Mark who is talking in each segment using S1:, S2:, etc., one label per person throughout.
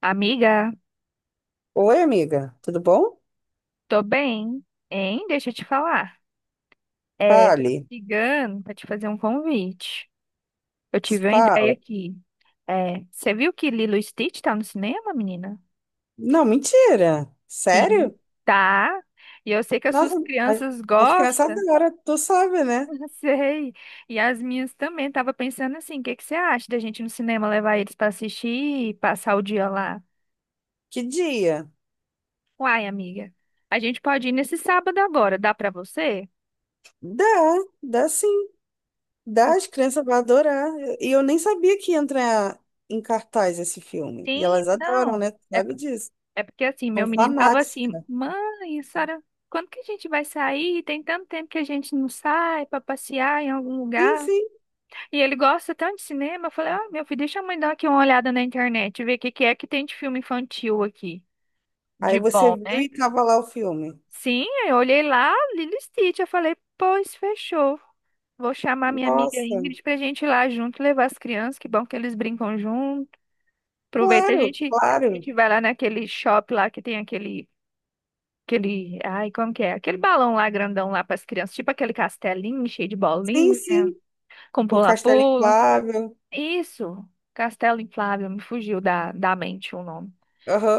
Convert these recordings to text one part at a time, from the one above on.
S1: Amiga,
S2: Oi, amiga, tudo bom?
S1: tô bem, hein? Deixa eu te falar. É, tô te
S2: Fale,
S1: ligando pra te fazer um convite. Eu tive uma ideia
S2: fala.
S1: aqui. É, você viu que Lilo e Stitch tá no cinema, menina?
S2: Não, mentira.
S1: Sim.
S2: Sério?
S1: Tá. E eu sei que as suas
S2: Nossa, a-
S1: crianças
S2: acho que nessa
S1: gostam.
S2: hora tu sabe, né?
S1: Eu sei. E as minhas também. Tava pensando assim, o que que você acha da gente ir no cinema levar eles pra assistir e passar o dia lá?
S2: Que dia?
S1: Uai, amiga, a gente pode ir nesse sábado agora. Dá pra você?
S2: Dá, dá sim. Dá,
S1: Por-
S2: as crianças vão adorar. E eu nem sabia que ia entrar em cartaz esse filme. E
S1: Sim,
S2: elas adoram,
S1: não.
S2: né? Tu sabe disso.
S1: É porque assim,
S2: São
S1: meu menino tava assim,
S2: fanáticas.
S1: mãe, Sara, quando que a gente vai sair? Tem tanto tempo que a gente não sai pra passear em algum
S2: Sim,
S1: lugar.
S2: sim.
S1: E ele gosta tanto de cinema. Eu falei, ah, meu filho, deixa a mãe dar aqui uma olhada na internet, ver o que que é que tem de filme infantil aqui,
S2: Aí
S1: de
S2: você
S1: bom,
S2: viu e
S1: né?
S2: tava lá o filme.
S1: Sim, eu olhei lá, Lilo e Stitch, eu falei, pois fechou. Vou chamar minha amiga
S2: Nossa,
S1: Ingrid pra gente ir lá junto, levar as crianças, que bom que eles brincam junto. Aproveita
S2: claro,
S1: a
S2: claro.
S1: gente vai lá naquele shopping lá que tem aquele, ai, como que é? Aquele balão lá grandão lá para as crianças, tipo aquele castelinho cheio de
S2: Sim,
S1: bolinha,
S2: sim.
S1: com
S2: O Castelo
S1: pula-pula.
S2: Inflável.
S1: Isso, castelo inflável, me fugiu da mente o nome.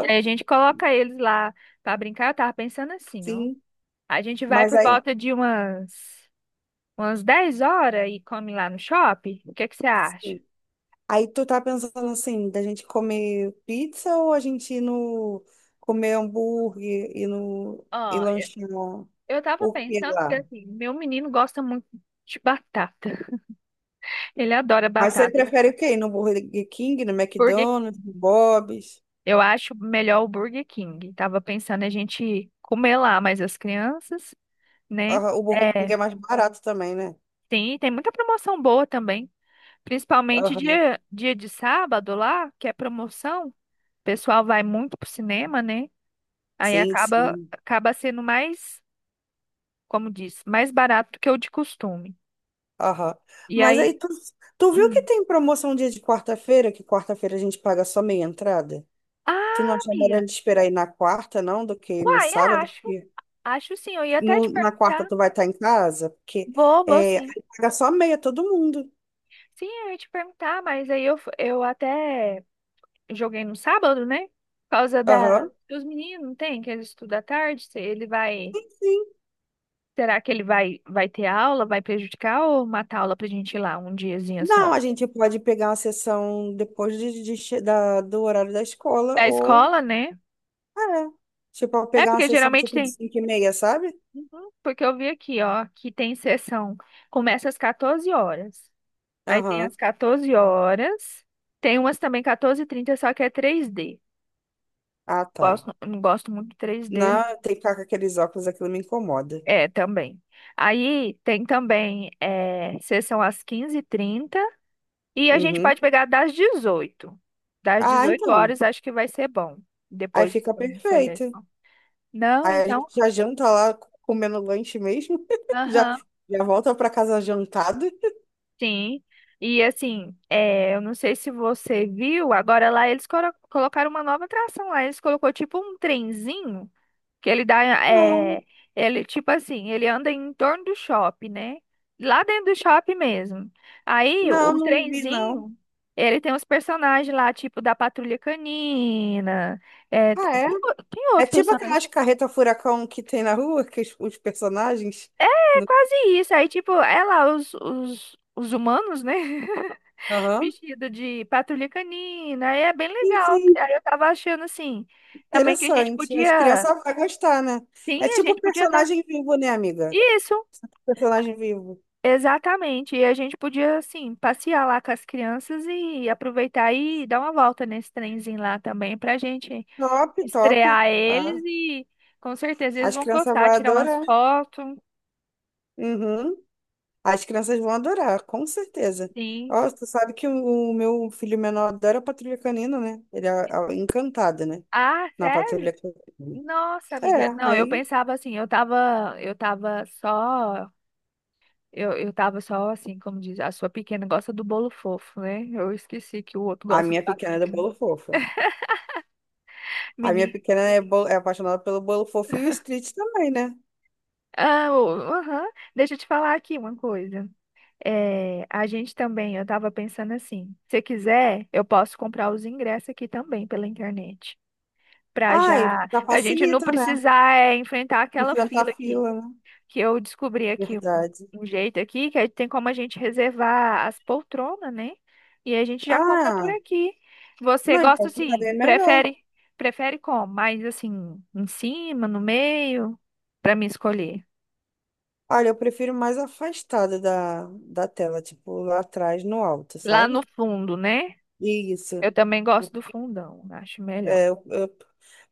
S1: E aí a gente coloca eles lá para brincar. Eu tava pensando assim, ó.
S2: sim.
S1: A gente vai
S2: Mas
S1: por
S2: aí,
S1: volta de umas 10 horas e come lá no shopping. O que que você acha?
S2: sim. Aí tu tá pensando assim, da gente comer pizza ou a gente ir no comer hambúrguer e no e
S1: Ó, eu
S2: lanchar
S1: eu tava
S2: o que
S1: pensando que
S2: lá?
S1: assim, meu menino gosta muito de batata. Ele adora
S2: Mas você
S1: batata.
S2: prefere o quê? Ir no Burger King, no
S1: Porque
S2: McDonald's, no Bob's?
S1: eu acho melhor o Burger King. Tava pensando a gente comer lá, mas as crianças, né?
S2: Aham, o Burger King é
S1: É,
S2: mais barato também, né?
S1: tem muita promoção boa também. Principalmente
S2: Aham.
S1: dia de sábado lá, que é promoção. O pessoal vai muito pro cinema, né? Aí
S2: Sim,
S1: acaba,
S2: sim.
S1: acaba sendo mais, como diz, mais barato do que o de costume.
S2: Aham.
S1: E
S2: Mas
S1: aí.
S2: aí tu viu que
S1: Hum.
S2: tem promoção dia de quarta-feira, que quarta-feira a gente paga só meia entrada? Tu não
S1: Ah,
S2: acha melhor a
S1: Bia!
S2: gente esperar ir na quarta, não, do que ir no
S1: Uai,
S2: sábado?
S1: acho. Acho sim. Eu ia até
S2: No-
S1: te
S2: na quarta
S1: perguntar.
S2: tu vai estar em casa, porque
S1: Vou, vou
S2: é,
S1: sim.
S2: aí paga só meia todo mundo.
S1: Sim, eu ia te perguntar, mas aí eu até joguei no sábado, né? Por causa da.
S2: Aham.
S1: Os meninos não tem, que eles estudam à tarde. Se ele vai.
S2: Sim.
S1: Será que ele vai, ter aula? Vai prejudicar ou matar aula pra gente ir lá um diazinho
S2: Não,
S1: só?
S2: a gente pode pegar uma sessão depois do horário da escola,
S1: Da
S2: ou
S1: escola, né?
S2: é, tipo,
S1: É,
S2: pegar uma
S1: porque
S2: sessão
S1: geralmente
S2: tipo de
S1: tem.
S2: 5 e meia, sabe?
S1: Uhum. Porque eu vi aqui, ó, que tem sessão. Começa às 14h horas. Aí tem às
S2: Aham.
S1: 14h horas. Tem umas também 14h30, só que é três d
S2: Ah, tá.
S1: Gosto, não gosto muito de três d.
S2: Não, tem que ficar com aqueles óculos, aquilo me incomoda.
S1: É, também. Aí tem também é, sessão às 15h30 e a gente
S2: Uhum.
S1: pode pegar das 18h. Das
S2: Ah,
S1: 18
S2: então.
S1: horas acho que vai ser bom.
S2: Aí
S1: Depois de
S2: fica
S1: sair da
S2: perfeito.
S1: escola. Não,
S2: Aí a
S1: então.
S2: gente já janta lá comendo lanche mesmo. Já,
S1: Aham,
S2: já volta pra casa jantado.
S1: sim. E assim, é, eu não sei se você viu, agora lá eles colocaram uma nova atração lá. Eles colocou tipo um trenzinho. Que ele dá,
S2: Não.
S1: é, ele, tipo assim, ele anda em torno do shopping, né? Lá dentro do shopping mesmo. Aí
S2: Não,
S1: o
S2: não vi, não.
S1: trenzinho, ele tem uns personagens lá, tipo da Patrulha Canina. É,
S2: Ah, é?
S1: tem
S2: É
S1: outro
S2: tipo
S1: personagem.
S2: aquelas carreta furacão que tem na rua, que os personagens.
S1: É
S2: no-
S1: quase isso. Aí, tipo, é lá os humanos, né?
S2: Aham.
S1: Vestido de Patrulha Canina. Aí é bem
S2: Sim,
S1: legal.
S2: sim,
S1: Aí eu tava achando assim, também que a gente
S2: interessante. As
S1: podia.
S2: crianças vão gostar, né?
S1: Sim,
S2: É
S1: a
S2: tipo
S1: gente podia dar.
S2: personagem vivo, né, amiga?
S1: Isso!
S2: Personagem vivo.
S1: Exatamente, e a gente podia, assim, passear lá com as crianças e aproveitar e dar uma volta nesse trenzinho lá também, pra gente
S2: Top, top.
S1: estrear
S2: Ah,
S1: eles e com certeza eles
S2: as
S1: vão
S2: crianças vão
S1: gostar, tirar umas
S2: adorar.
S1: fotos,
S2: Uhum. As crianças vão adorar, com certeza.
S1: sim.
S2: Ó, tu sabe que o meu filho menor adora Patrulha Canina, né? Ele é, é encantado, né?
S1: Ah,
S2: Na
S1: sério?
S2: Patrulha Canina.
S1: Nossa, amiga.
S2: É,
S1: Não, eu
S2: aí.
S1: pensava assim, eu tava só, eu tava só assim, como diz, a sua pequena gosta do bolo fofo, né? Eu esqueci que o outro
S2: A
S1: gosta de
S2: minha pequena
S1: patrulha.
S2: é do bolo fofo. A minha
S1: Menino.
S2: pequena é, é apaixonada pelo bolo fofo e o street também, né?
S1: Ah, aham. Deixa eu te falar aqui uma coisa. É, a gente também, eu estava pensando assim, se quiser, eu posso comprar os ingressos aqui também pela internet, para
S2: Ai,
S1: já,
S2: já
S1: para a gente não
S2: facilita, né?
S1: precisar é, enfrentar aquela
S2: Enfrentar a
S1: fila aqui,
S2: fila, né?
S1: que eu descobri aqui um,
S2: Verdade.
S1: um jeito aqui, que aí tem como a gente reservar as poltronas, né? E a gente já compra por
S2: Ah,
S1: aqui. Você
S2: não,
S1: gosta
S2: então ficaria
S1: assim,
S2: melhor.
S1: prefere como? Mais assim, em cima, no meio, para me escolher.
S2: Olha, eu prefiro mais afastada da tela, tipo lá atrás, no alto,
S1: Lá no
S2: sabe?
S1: fundo, né?
S2: Isso.
S1: Eu também gosto do fundão, acho melhor.
S2: É,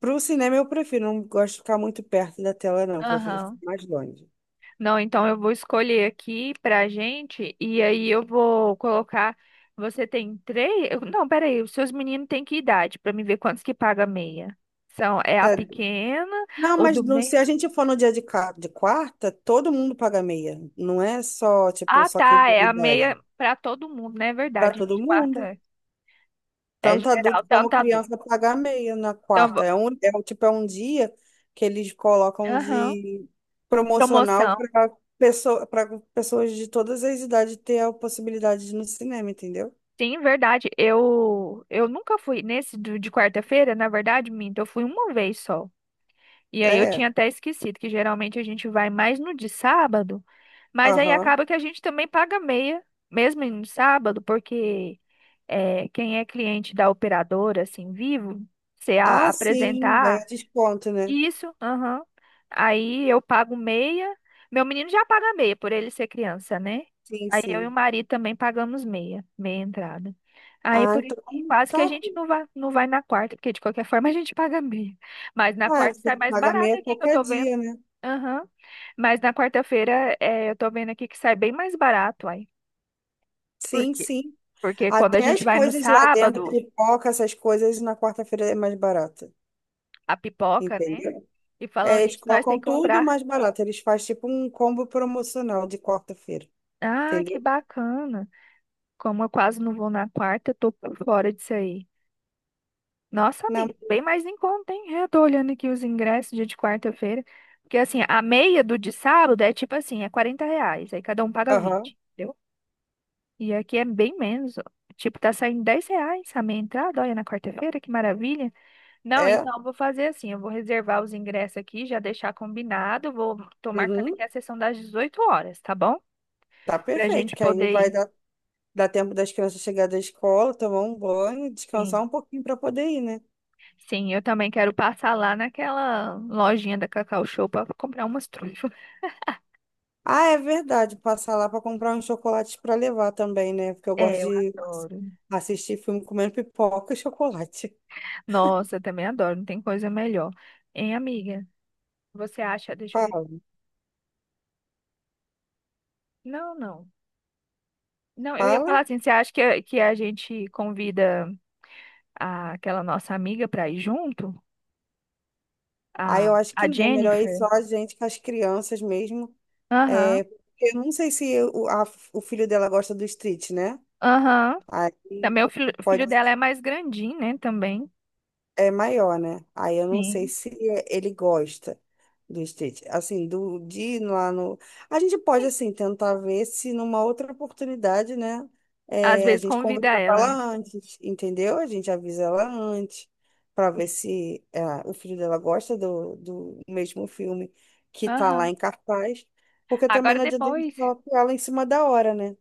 S2: pro cinema eu prefiro, não gosto de ficar muito perto da tela, não. Prefiro ficar
S1: Aham.
S2: mais longe.
S1: Não, então eu vou escolher aqui pra gente e aí eu vou colocar. Você tem três? Não, peraí, os seus meninos têm que idade pra me ver quantos que paga meia? São, é a
S2: É.
S1: pequena,
S2: Não,
S1: o
S2: mas
S1: do
S2: se
S1: meio.
S2: a gente for no dia de quarta, todo mundo paga meia. Não é só, tipo,
S1: Ah,
S2: só quem
S1: tá, é
S2: tem
S1: a
S2: idade.
S1: meia pra todo mundo, né? É
S2: Para
S1: verdade.
S2: todo
S1: De quarta
S2: mundo.
S1: é
S2: Tanto
S1: geral,
S2: adulto como
S1: tanto adulto.
S2: criança paga meia na
S1: Então,
S2: quarta. Tipo, é um dia que eles colocam
S1: aham.
S2: de promocional
S1: Promoção.
S2: para pessoa, para pessoas de todas as idades ter a possibilidade de ir no cinema, entendeu?
S1: Sim, verdade. Eu nunca fui nesse de quarta-feira, na verdade, minto, eu fui uma vez só. E aí eu
S2: É.
S1: tinha até esquecido que geralmente a gente vai mais no de sábado, mas aí
S2: Aham.
S1: acaba que a gente também paga meia, mesmo no sábado, porque é, quem é cliente da operadora, assim, vivo, se
S2: Ah, sim, ganha
S1: apresentar.
S2: desconto, né?
S1: Isso, aham. Aí eu pago meia. Meu menino já paga meia, por ele ser criança, né?
S2: Sim,
S1: Aí eu e o
S2: sim.
S1: marido também pagamos meia, meia entrada. Aí
S2: Ah,
S1: por isso
S2: então
S1: que quase que a
S2: tá.
S1: gente não vai na quarta, porque de qualquer forma a gente paga meia. Mas na
S2: Ah,
S1: quarta
S2: você
S1: sai mais
S2: paga
S1: barato
S2: meia
S1: aqui que eu
S2: qualquer
S1: tô vendo.
S2: dia, né?
S1: Aham. Mas na quarta-feira é, eu tô vendo aqui que sai bem mais barato, aí. Por
S2: Sim,
S1: quê?
S2: sim.
S1: Porque quando a
S2: Até
S1: gente
S2: as
S1: vai no
S2: coisas lá dentro,
S1: sábado,
S2: pipoca, essas coisas na quarta-feira é mais barata,
S1: a pipoca, né?
S2: entendeu?
S1: E
S2: É,
S1: falando
S2: eles
S1: nisso, nós tem
S2: colocam
S1: que
S2: tudo
S1: comprar.
S2: mais barato. Eles fazem tipo um combo promocional de quarta-feira,
S1: Ah, que
S2: entendeu?
S1: bacana. Como eu quase não vou na quarta, eu tô por fora disso aí. Nossa,
S2: Não,
S1: amiga, bem mais em conta, hein? Eu tô olhando aqui os ingressos dia de quarta-feira. Porque assim, a meia do de sábado é tipo assim, é R$ 40. Aí cada um paga
S2: aham,
S1: 20, entendeu? E aqui é bem menos, ó. Tipo, tá saindo R$ 10 a meia entrada, olha, na quarta-feira, que maravilha. Não,
S2: é,
S1: então eu vou fazer assim, eu vou reservar os ingressos aqui, já deixar combinado. Vou, tô marcando
S2: uhum,
S1: aqui a sessão das 18h, tá bom?
S2: tá
S1: Pra
S2: perfeito,
S1: gente
S2: que aí
S1: poder
S2: vai
S1: ir.
S2: dar, dar tempo das crianças chegar da escola, tomar um banho,
S1: Sim.
S2: descansar um pouquinho para poder ir, né?
S1: Sim, eu também quero passar lá naquela lojinha da Cacau Show para comprar umas trufas.
S2: Ah, é verdade, passar lá para comprar uns chocolates para levar também, né? Porque eu gosto
S1: É, eu
S2: de
S1: adoro.
S2: assistir filme comendo pipoca e chocolate.
S1: Nossa, eu também adoro, não tem coisa melhor. Hein, amiga? Você acha? Deixa eu ver.
S2: Fala,
S1: Não, não. Não, eu ia
S2: fala.
S1: falar assim, você acha que a gente convida aquela nossa amiga para ir junto?
S2: Aí
S1: A,
S2: eu acho que
S1: a
S2: não, melhor ir
S1: Jennifer?
S2: só a gente com as crianças mesmo.
S1: Aham,
S2: É, porque eu não sei se o filho dela gosta do street, né?
S1: aham.
S2: Aí
S1: Também o
S2: pode.
S1: filho dela é mais grandinho, né? Também.
S2: É maior, né? Aí eu não sei
S1: Sim.
S2: se ele gosta do street. Assim, do de ir lá no. A gente pode, assim, tentar ver se numa outra oportunidade, né?
S1: Às
S2: É, a
S1: vezes
S2: gente
S1: convida
S2: conversa com
S1: ela,
S2: ela
S1: né?
S2: antes, entendeu? A gente avisa ela antes, para ver
S1: Sim.
S2: se é, o filho dela gosta do mesmo filme que tá lá
S1: Aham.
S2: em cartaz. Porque também
S1: Agora
S2: não adianta a gente
S1: depois.
S2: só apoiar ela em cima da hora, né?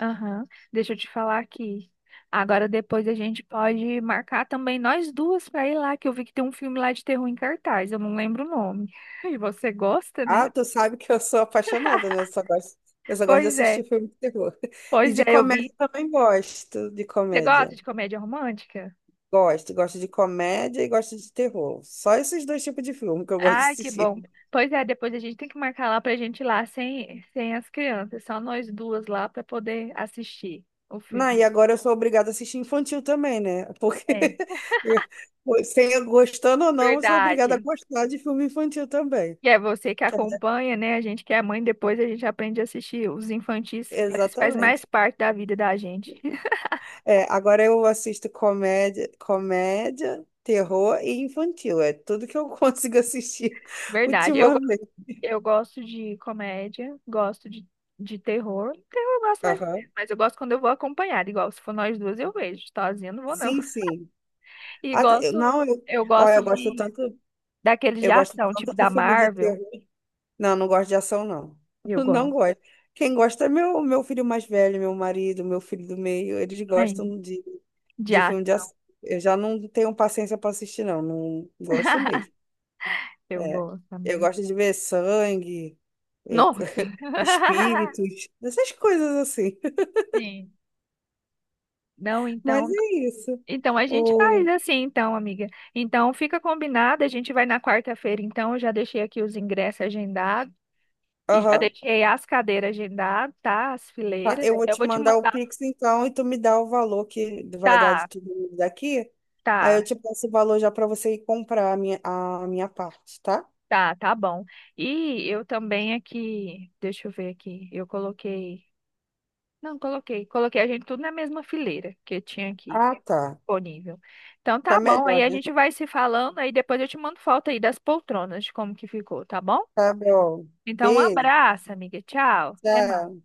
S1: Aham. Deixa eu te falar aqui. Agora depois a gente pode marcar também nós duas para ir lá, que eu vi que tem um filme lá de terror em cartaz, eu não lembro o nome. E você gosta,
S2: Ah,
S1: né?
S2: tu sabe que eu sou apaixonada, né? Eu só gosto de
S1: Pois é,
S2: assistir filme de terror. E
S1: pois é,
S2: de
S1: eu
S2: comédia
S1: vi.
S2: também gosto de
S1: Você gosta
S2: comédia.
S1: de comédia romântica?
S2: Gosto, gosto de comédia e gosto de terror. Só esses dois tipos de filme que eu gosto de
S1: Ai, que
S2: assistir.
S1: bom. Pois é, depois a gente tem que marcar lá pra gente ir lá sem as crianças, só nós duas lá para poder assistir o
S2: Não, e
S1: filme.
S2: agora eu sou obrigada a assistir infantil também, né? Porque
S1: É,
S2: sem eu gostando ou não, eu sou obrigada a
S1: verdade.
S2: gostar de filme infantil também.
S1: Que é você que
S2: Que é-
S1: acompanha, né? A gente que é mãe, depois a gente aprende a assistir os infantis, isso faz mais
S2: Exatamente.
S1: parte da vida da gente.
S2: É, agora eu assisto comédia, comédia, terror e infantil. É tudo que eu consigo assistir
S1: Verdade. Eu, go-
S2: ultimamente.
S1: eu gosto de comédia, gosto de terror. Terror eu gosto mais,
S2: Aham.
S1: mas eu gosto quando eu vou acompanhada, igual se for nós duas eu vejo, sozinha eu não vou não.
S2: Sim, sim.
S1: E
S2: Ah,
S1: gosto,
S2: não, eu,
S1: eu
S2: olha,
S1: gosto de daqueles de
S2: eu gosto
S1: ação, tipo
S2: tanto de
S1: da
S2: filme de
S1: Marvel,
S2: terror. Não, não gosto de ação, não.
S1: eu
S2: Não
S1: gosto.
S2: gosto. Quem gosta é meu, meu filho mais velho, meu marido, meu filho do meio. Eles
S1: Aí,
S2: gostam
S1: de
S2: de filme de
S1: ação.
S2: ação. Eu já não tenho paciência para assistir, não. Não gosto mesmo.
S1: Eu
S2: É.
S1: gosto,
S2: Eu
S1: amiga.
S2: gosto de ver sangue,
S1: Nossa.
S2: espíritos, essas coisas assim.
S1: Sim. Não,
S2: Mas
S1: então.
S2: é isso.
S1: A gente faz
S2: O...
S1: assim, então, amiga. Então fica combinado, a gente vai na quarta-feira, então eu já deixei aqui os ingressos agendados e já
S2: Aham.
S1: deixei as cadeiras agendadas, tá? As
S2: Tá,
S1: fileiras.
S2: eu vou
S1: Eu
S2: te
S1: vou te
S2: mandar o
S1: mandar.
S2: Pix então e tu me dá o valor que vai dar
S1: Tá,
S2: de tudo daqui. Aí eu
S1: tá,
S2: te passo o valor já para você ir comprar a minha parte, tá?
S1: tá, tá bom. E eu também aqui, deixa eu ver aqui. Eu coloquei, não, coloquei a gente tudo na mesma fileira que tinha aqui
S2: Ah, tá.
S1: disponível. Então
S2: Fica
S1: tá bom. Aí
S2: melhor,
S1: a
S2: né?
S1: gente vai se falando, aí depois eu te mando foto aí das poltronas, de como que ficou, tá bom?
S2: Tá bom.
S1: Então, um
S2: Beijo,
S1: abraço, amiga. Tchau. Até mais.
S2: tchau.